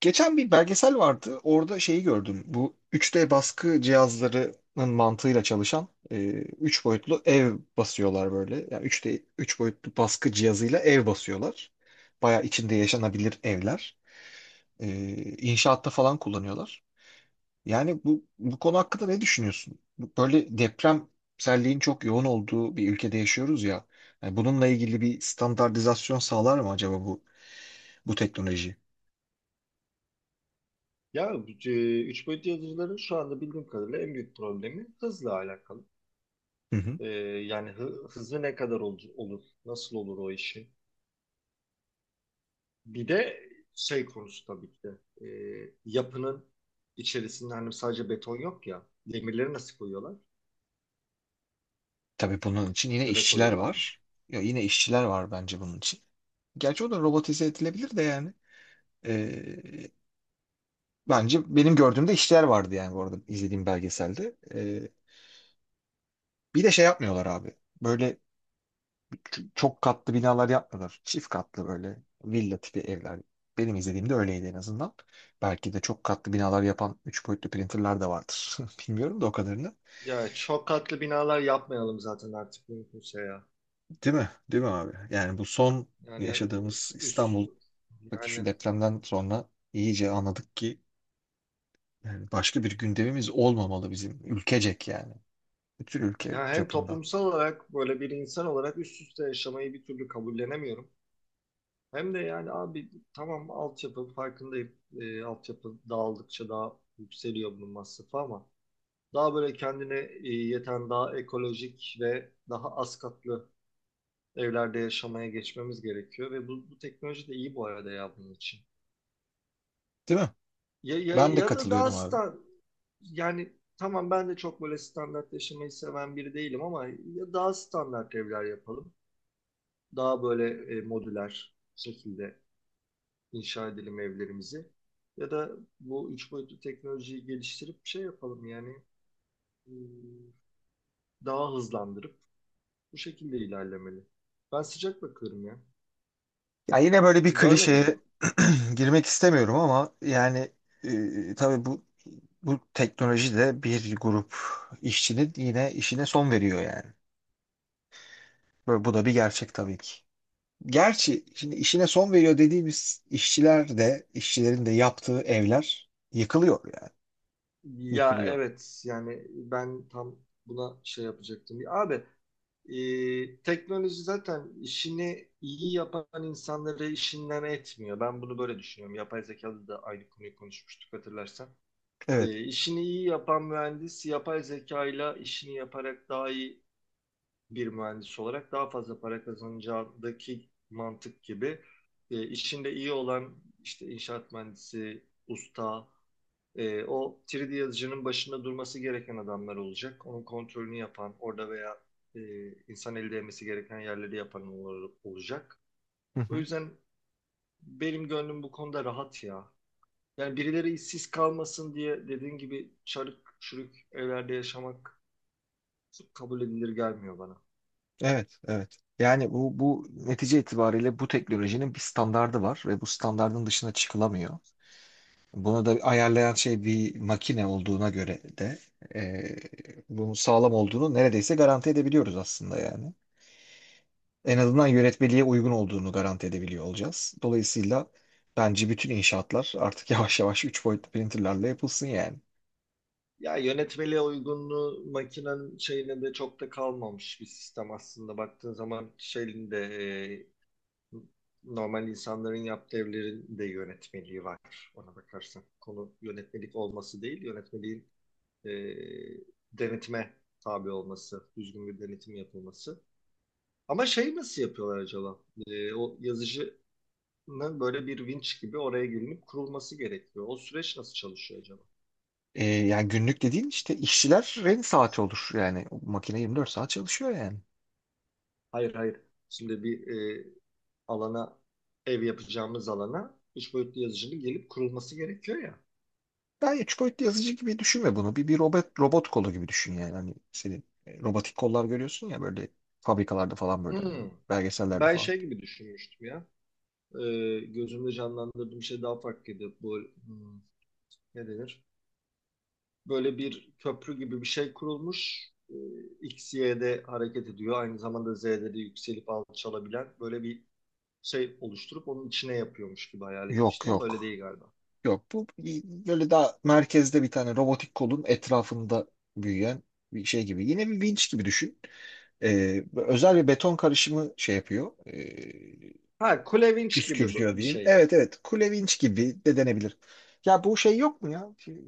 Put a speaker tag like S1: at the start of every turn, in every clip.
S1: Geçen bir belgesel vardı. Orada şeyi gördüm. Bu 3D baskı cihazlarının mantığıyla çalışan 3 boyutlu ev basıyorlar böyle. Yani 3D 3 boyutlu baskı cihazıyla ev basıyorlar. Baya içinde yaşanabilir evler. E, inşaatta falan kullanıyorlar. Yani bu konu hakkında ne düşünüyorsun? Böyle depremselliğin çok yoğun olduğu bir ülkede yaşıyoruz ya. Yani bununla ilgili bir standartizasyon sağlar mı acaba bu bu teknoloji?
S2: Ya üç boyutlu yazıcıların şu anda bildiğim kadarıyla en büyük problemi hızla alakalı.
S1: Hı hı.
S2: E, yani hızı ne kadar olur, nasıl olur o işin. Bir de şey konusu tabii ki de yapının içerisinde hani sadece beton yok ya demirleri nasıl koyuyorlar
S1: Tabii bunun için yine
S2: ya da
S1: işçiler
S2: koyuyorlar mı?
S1: var. Ya yine işçiler var bence bunun için. Gerçi o da robotize edilebilir de yani. Ee, bence benim gördüğümde işçiler vardı yani bu arada izlediğim belgeselde. Bir de şey yapmıyorlar abi. Böyle çok katlı binalar yapmıyorlar. Çift katlı böyle villa tipi evler. Benim izlediğimde öyleydi en azından. Belki de çok katlı binalar yapan üç boyutlu printerlar da vardır. Bilmiyorum da o kadarını.
S2: Ya çok katlı binalar yapmayalım zaten artık mümkünse ya.
S1: Değil mi? Değil mi abi? Yani bu son
S2: Yani
S1: yaşadığımız
S2: üst
S1: İstanbul, bak şu
S2: yani
S1: depremden sonra iyice anladık ki yani başka bir gündemimiz olmamalı bizim ülkecek yani. Bütün ülke
S2: ya hem
S1: çapında.
S2: toplumsal olarak böyle bir insan olarak üst üste yaşamayı bir türlü kabullenemiyorum. Hem de yani abi tamam altyapı farkındayım. Altyapı dağıldıkça daha yükseliyor bunun masrafı ama daha böyle kendine yeten daha ekolojik ve daha az katlı evlerde yaşamaya geçmemiz gerekiyor ve bu teknoloji de iyi bu arada ya bunun için.
S1: Değil mi?
S2: Ya, ya,
S1: Ben de
S2: ya da daha
S1: katılıyorum abi.
S2: stan yani tamam ben de çok böyle standart yaşamayı seven biri değilim ama ya daha standart evler yapalım. Daha böyle modüler şekilde inşa edelim evlerimizi. Ya da bu üç boyutlu teknolojiyi geliştirip bir şey yapalım yani e, daha hızlandırıp bu şekilde ilerlemeli. Ben sıcak bakıyorum ya.
S1: Ya yine böyle bir klişeye
S2: Görmedim.
S1: girmek istemiyorum ama yani tabii bu teknoloji de bir grup işçinin yine işine son veriyor yani. Böyle, bu da bir gerçek tabii ki. Gerçi şimdi işine son veriyor dediğimiz işçiler de işçilerin de yaptığı evler yıkılıyor yani.
S2: Ya
S1: Yıkılıyor.
S2: evet yani ben tam buna şey yapacaktım. Ya abi, teknoloji zaten işini iyi yapan insanları işinden etmiyor. Ben bunu böyle düşünüyorum. Yapay zekada da aynı konuyu konuşmuştuk hatırlarsan.
S1: Evet.
S2: E, işini iyi yapan mühendis yapay zeka ile işini yaparak daha iyi bir mühendis olarak daha fazla para kazanacağındaki mantık gibi işinde iyi olan işte inşaat mühendisi, usta, o 3D yazıcının başında durması gereken adamlar olacak. Onun kontrolünü yapan, orada veya e, insan eli değmesi gereken yerleri yapan olacak.
S1: Hı
S2: O
S1: hı.
S2: yüzden benim gönlüm bu konuda rahat ya. Yani birileri işsiz kalmasın diye dediğin gibi çarık çürük evlerde yaşamak kabul edilir gelmiyor bana.
S1: Evet, evet. Yani bu, bu netice itibariyle bu teknolojinin bir standardı var ve bu standardın dışına çıkılamıyor. Bunu da ayarlayan şey bir makine olduğuna göre de bunun sağlam olduğunu neredeyse garanti edebiliyoruz aslında yani. En azından yönetmeliğe uygun olduğunu garanti edebiliyor olacağız. Dolayısıyla bence bütün inşaatlar artık yavaş yavaş 3 boyutlu printerlerle yapılsın yani.
S2: Ya yönetmeliğe uygunluğu makinenin şeyine de çok da kalmamış bir sistem aslında. Baktığın zaman şeyin de e, normal insanların yaptığı evlerin de yönetmeliği var ona bakarsan. Konu yönetmelik olması değil, yönetmeliğin e, denetime tabi olması, düzgün bir denetim yapılması. Ama şey nasıl yapıyorlar acaba? O yazıcı böyle bir vinç gibi oraya gelinip kurulması gerekiyor. O süreç nasıl çalışıyor acaba?
S1: Yani günlük dediğin işte işçilerin saati olur. Yani o makine 24 saat çalışıyor yani.
S2: Hayır, hayır. Şimdi bir e, alana, ev yapacağımız alana üç boyutlu yazıcının gelip kurulması gerekiyor ya.
S1: Ben üç boyutlu yazıcı gibi düşünme bunu. Bir robot, robot kolu gibi düşün yani. Hani senin robotik kollar görüyorsun ya böyle fabrikalarda falan böyle hani
S2: Hmm.
S1: belgesellerde
S2: Ben
S1: falan.
S2: şey gibi düşünmüştüm ya. E, gözümde canlandırdığım şey daha farklıydı. Bu hmm, ne denir? Böyle bir köprü gibi bir şey kurulmuş. X, Y'de hareket ediyor. Aynı zamanda Z'de de yükselip alçalabilen böyle bir şey oluşturup onun içine yapıyormuş gibi hayal
S1: Yok
S2: etmiştim ama öyle
S1: yok.
S2: değil galiba.
S1: Yok, bu böyle daha merkezde bir tane robotik kolun etrafında büyüyen bir şey gibi. Yine bir vinç gibi düşün. Özel bir beton karışımı şey yapıyor.
S2: Ha, Kulevinç gibi
S1: Püskürtüyor
S2: bir
S1: diyeyim.
S2: şey.
S1: Evet, evet kule vinç gibi de denebilir. Ya bu şey yok mu ya? Şey,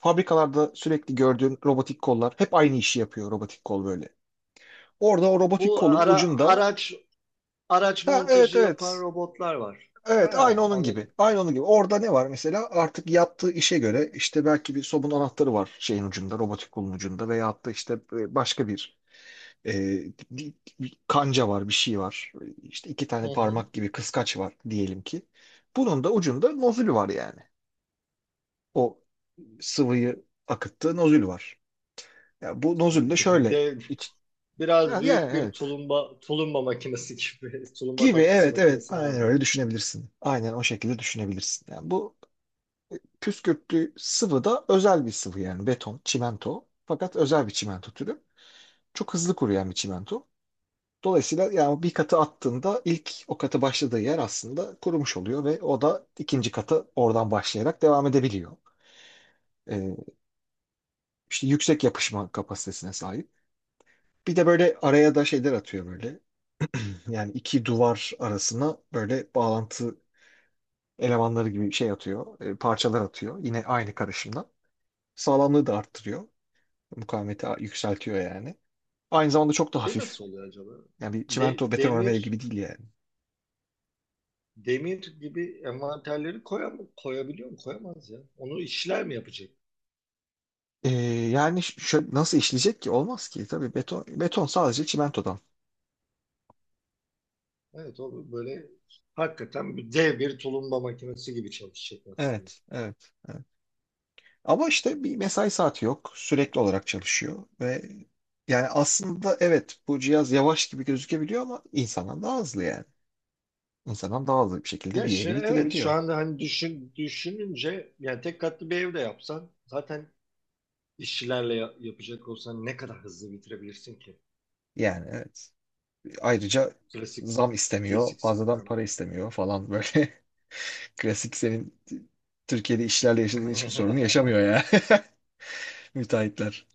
S1: fabrikalarda sürekli gördüğün robotik kollar hep aynı işi yapıyor robotik kol böyle. Orada o robotik
S2: Bu
S1: kolun ucunda,
S2: araç
S1: ha evet
S2: montajı yapan
S1: evet.
S2: robotlar var.
S1: Evet, aynı
S2: Ha,
S1: onun gibi.
S2: anladım.
S1: Aynı onun gibi. Orada ne var mesela? Artık yaptığı işe göre işte belki bir sobun anahtarı var şeyin ucunda, robotik kolun ucunda veyahut da işte başka bir e, kanca var, bir şey var. İşte iki
S2: Hı
S1: tane
S2: hı.
S1: parmak gibi kıskaç var diyelim ki. Bunun da ucunda nozül var yani. O sıvıyı akıttığı nozül var. Ya bu nozül de şöyle
S2: Dev, biraz
S1: yani yani
S2: büyük bir
S1: evet.
S2: tulumba makinesi gibi tulumba
S1: Gibi,
S2: tatlısı
S1: evet evet
S2: makinesini
S1: aynen öyle
S2: andırıyor.
S1: düşünebilirsin. Aynen o şekilde düşünebilirsin. Yani bu püskürtlü sıvı da özel bir sıvı, yani beton, çimento. Fakat özel bir çimento türü. Çok hızlı kuruyan bir çimento. Dolayısıyla yani bir katı attığında ilk o katı başladığı yer aslında kurumuş oluyor ve o da ikinci katı oradan başlayarak devam edebiliyor. Ee, işte yüksek yapışma kapasitesine sahip. Bir de böyle araya da şeyler atıyor böyle. Yani iki duvar arasına böyle bağlantı elemanları gibi şey atıyor, parçalar atıyor. Yine aynı karışımdan. Sağlamlığı da arttırıyor. Mukavemeti yükseltiyor yani. Aynı zamanda çok da
S2: Şey
S1: hafif.
S2: nasıl oluyor acaba?
S1: Yani bir çimento
S2: De-
S1: beton örme
S2: demir
S1: gibi değil yani.
S2: demir gibi envanterleri koyabiliyor mu? Koyamaz ya. Onu işçiler mi yapacak?
S1: Ee, yani şöyle nasıl işleyecek ki? Olmaz ki. Tabii beton, beton sadece çimentodan.
S2: Evet, o böyle hakikaten bir dev, bir tulumba makinesi gibi çalışacak aslında.
S1: Evet, evet, evet. Ama işte bir mesai saati yok. Sürekli olarak çalışıyor ve yani aslında evet bu cihaz yavaş gibi gözükebiliyor ama insandan daha hızlı yani. İnsandan daha hızlı bir şekilde
S2: Ya,
S1: bir evi
S2: evet, şu
S1: bitirebiliyor.
S2: anda hani düşününce yani tek katlı bir evde yapsan zaten işçilerle yapacak olsan ne kadar hızlı bitirebilirsin ki?
S1: Yani evet. Ayrıca
S2: Klasik
S1: zam istemiyor,
S2: klasik
S1: fazladan
S2: sistemle.
S1: para istemiyor falan böyle. Klasik senin Türkiye'de işlerle yaşadığın hiçbir sorunu yaşamıyor ya. Müteahhitler.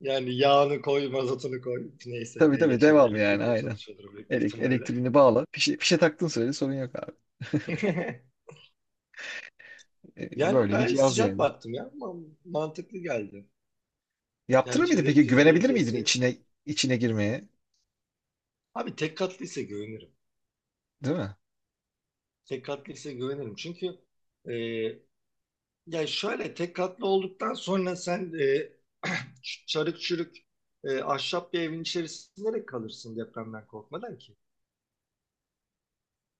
S2: Yani yağını koy, mazotunu koy. Neyse
S1: Tabii
S2: neyle
S1: tabii
S2: çalışıyor,
S1: devam yani
S2: elektrikle
S1: aynen.
S2: çalışıyordur büyük bir ihtimalle.
S1: Elektriğini bağla. Fişe taktığın sürece sorun yok abi.
S2: Yani
S1: Böyle bir
S2: ben
S1: cihaz
S2: sıcak
S1: yani.
S2: baktım ya. Mantıklı geldi.
S1: Yaptırır
S2: Yani
S1: mıydın
S2: şeyleri
S1: peki? Güvenebilir miydin
S2: fizibilitesi.
S1: içine içine girmeye?
S2: Abi tek katlıysa güvenirim.
S1: Değil mi?
S2: Tek katlı ise güvenirim. Çünkü e, ya şöyle tek katlı olduktan sonra sen çarık çürük ahşap bir evin içerisinde de kalırsın depremden korkmadan ki.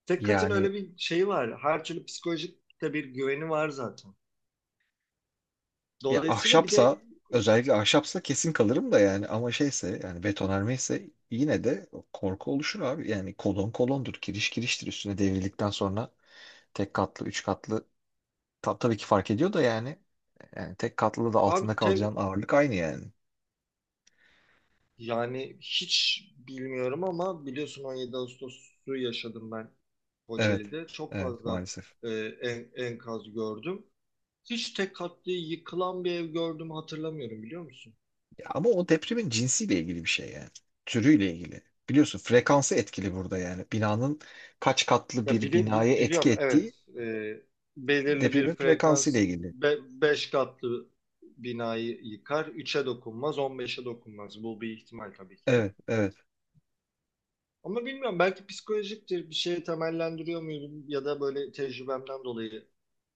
S2: Tek katın
S1: Yani
S2: öyle bir şeyi var. Her türlü psikolojik de bir güveni var zaten.
S1: ya
S2: Dolayısıyla bir de
S1: ahşapsa, özellikle ahşapsa kesin kalırım da yani ama şeyse, yani betonarme ise yine de korku oluşur abi. Yani kolon kolondur, kiriş kiriştir üstüne devrildikten sonra. Tek katlı, üç katlı, tabii ki fark ediyor da yani. Yani tek katlı da
S2: abi
S1: altında kalacağın ağırlık aynı yani.
S2: yani hiç bilmiyorum ama biliyorsun 17 Ağustos'u yaşadım ben
S1: Evet.
S2: Kocaeli'de. Çok
S1: Evet
S2: fazla
S1: maalesef.
S2: e, enkaz gördüm. Hiç tek katlı yıkılan bir ev gördüğümü hatırlamıyorum, biliyor musun?
S1: Ya ama o depremin cinsiyle ilgili bir şey yani. Türüyle ilgili. Biliyorsun frekansı etkili burada yani. Binanın kaç katlı
S2: Ya
S1: bir binaya etki
S2: biliyorum,
S1: ettiği
S2: evet. Belirli
S1: depremin
S2: bir
S1: frekansıyla
S2: frekans
S1: ilgili.
S2: 5 katlı binayı yıkar, 3'e dokunmaz, 15'e dokunmaz, bu bir ihtimal tabii ki de.
S1: Evet, evet.
S2: Ama bilmiyorum, belki psikolojiktir, bir şeye temellendiriyor muyum ya da böyle tecrübemden dolayı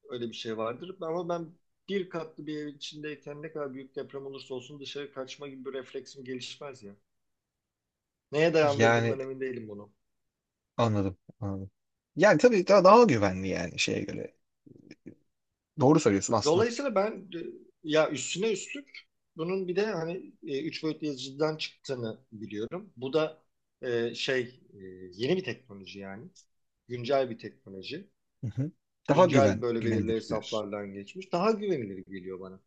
S2: öyle bir şey vardır. Ama ben bir katlı bir evin içindeyken ne kadar büyük deprem olursa olsun dışarı kaçma gibi bir refleksim gelişmez ya. Neye
S1: Yani
S2: dayandırdığımdan emin değilim bunu.
S1: anladım, anladım. Yani tabii daha güvenli yani şeye göre. Doğru söylüyorsun aslında.
S2: Dolayısıyla ben ya üstüne üstlük bunun bir de hani üç boyutlu yazıcıdan çıktığını biliyorum. Bu da şey e, yeni bir teknoloji yani. Güncel bir teknoloji.
S1: Hı hı. Daha
S2: Güncel böyle belirli
S1: güvenilir diyorsun.
S2: hesaplardan geçmiş. Daha güvenilir geliyor bana.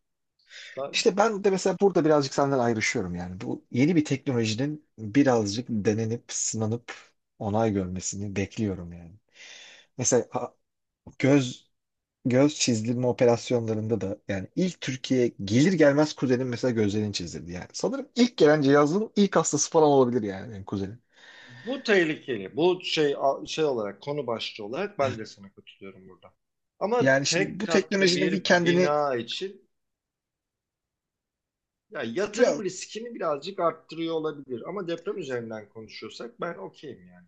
S2: Da-
S1: İşte ben de mesela burada birazcık senden ayrışıyorum yani. Bu yeni bir teknolojinin birazcık denenip, sınanıp onay görmesini bekliyorum yani. Mesela göz, göz çizdirme operasyonlarında da yani ilk Türkiye'ye gelir gelmez kuzenim mesela gözlerini çizdirdi yani. Sanırım ilk gelen cihazın ilk hastası falan olabilir yani benim kuzenim.
S2: bu tehlikeli. Bu şey olarak, konu başlığı olarak ben de sana katılıyorum burada. Ama
S1: Yani şimdi
S2: tek
S1: bu
S2: katlı
S1: teknolojinin bir
S2: bir
S1: kendini,
S2: bina için ya
S1: ya
S2: yatırım riskini birazcık arttırıyor olabilir. Ama deprem üzerinden konuşuyorsak ben okeyim yani.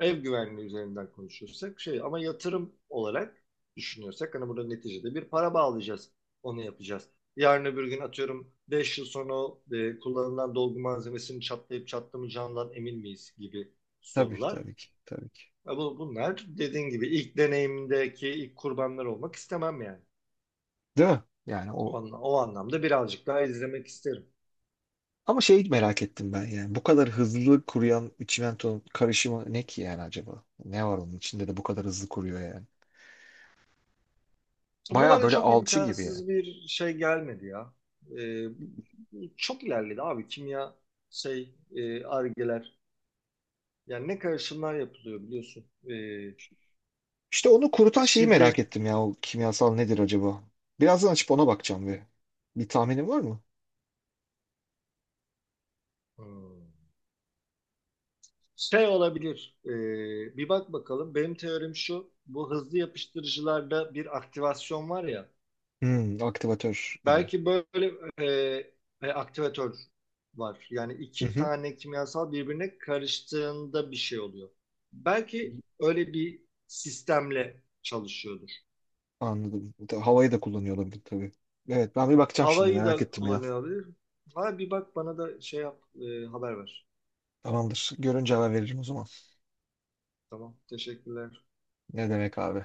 S2: Ev güvenliği üzerinden konuşursak şey, ama yatırım olarak düşünüyorsak hani burada neticede bir para bağlayacağız. Onu yapacağız. Yarın öbür gün, atıyorum 5 yıl sonra, kullanılan dolgu malzemesinin çatlayıp çatlamayacağından emin miyiz gibi
S1: tabii
S2: sorular.
S1: tabii ki tabii ki.
S2: Ya bunlar dediğin gibi ilk deneyimdeki ilk kurbanlar olmak istemem yani.
S1: Değil mi? Yani o
S2: O anlamda birazcık daha izlemek isterim.
S1: ama şeyi merak ettim ben yani. Bu kadar hızlı kuruyan çimentonun karışımı ne ki yani acaba? Ne var onun içinde de bu kadar hızlı kuruyor yani?
S2: Bu
S1: Baya
S2: bana
S1: böyle
S2: çok
S1: alçı gibi yani.
S2: imkansız bir şey gelmedi ya. E, çok ilerledi abi, kimya, şey, argeler. Yani ne karışımlar yapılıyor biliyorsun. Ee,
S1: İşte onu kurutan şeyi merak
S2: şiddet.
S1: ettim ya. O kimyasal nedir acaba? Birazdan açıp ona bakacağım bir. Bir tahminin var mı?
S2: Hmm. Şey olabilir. Bir bak bakalım. Benim teorim şu. Bu hızlı yapıştırıcılarda bir aktivasyon var ya.
S1: Hmm, aktivatör gibi.
S2: Belki böyle e, aktivatör var. Yani
S1: Hı
S2: iki
S1: hı.
S2: tane kimyasal birbirine karıştığında bir şey oluyor. Belki öyle bir sistemle çalışıyordur.
S1: Anladım. Havayı da kullanıyor olabilir tabii. Evet ben bir bakacağım şimdi
S2: Havayı
S1: merak
S2: da
S1: ettim ya.
S2: kullanıyor olabilir. Ha, bir bak bana da şey yap, haber ver.
S1: Tamamdır. Görünce haber veririm o zaman.
S2: Tamam, teşekkürler.
S1: Ne demek abi?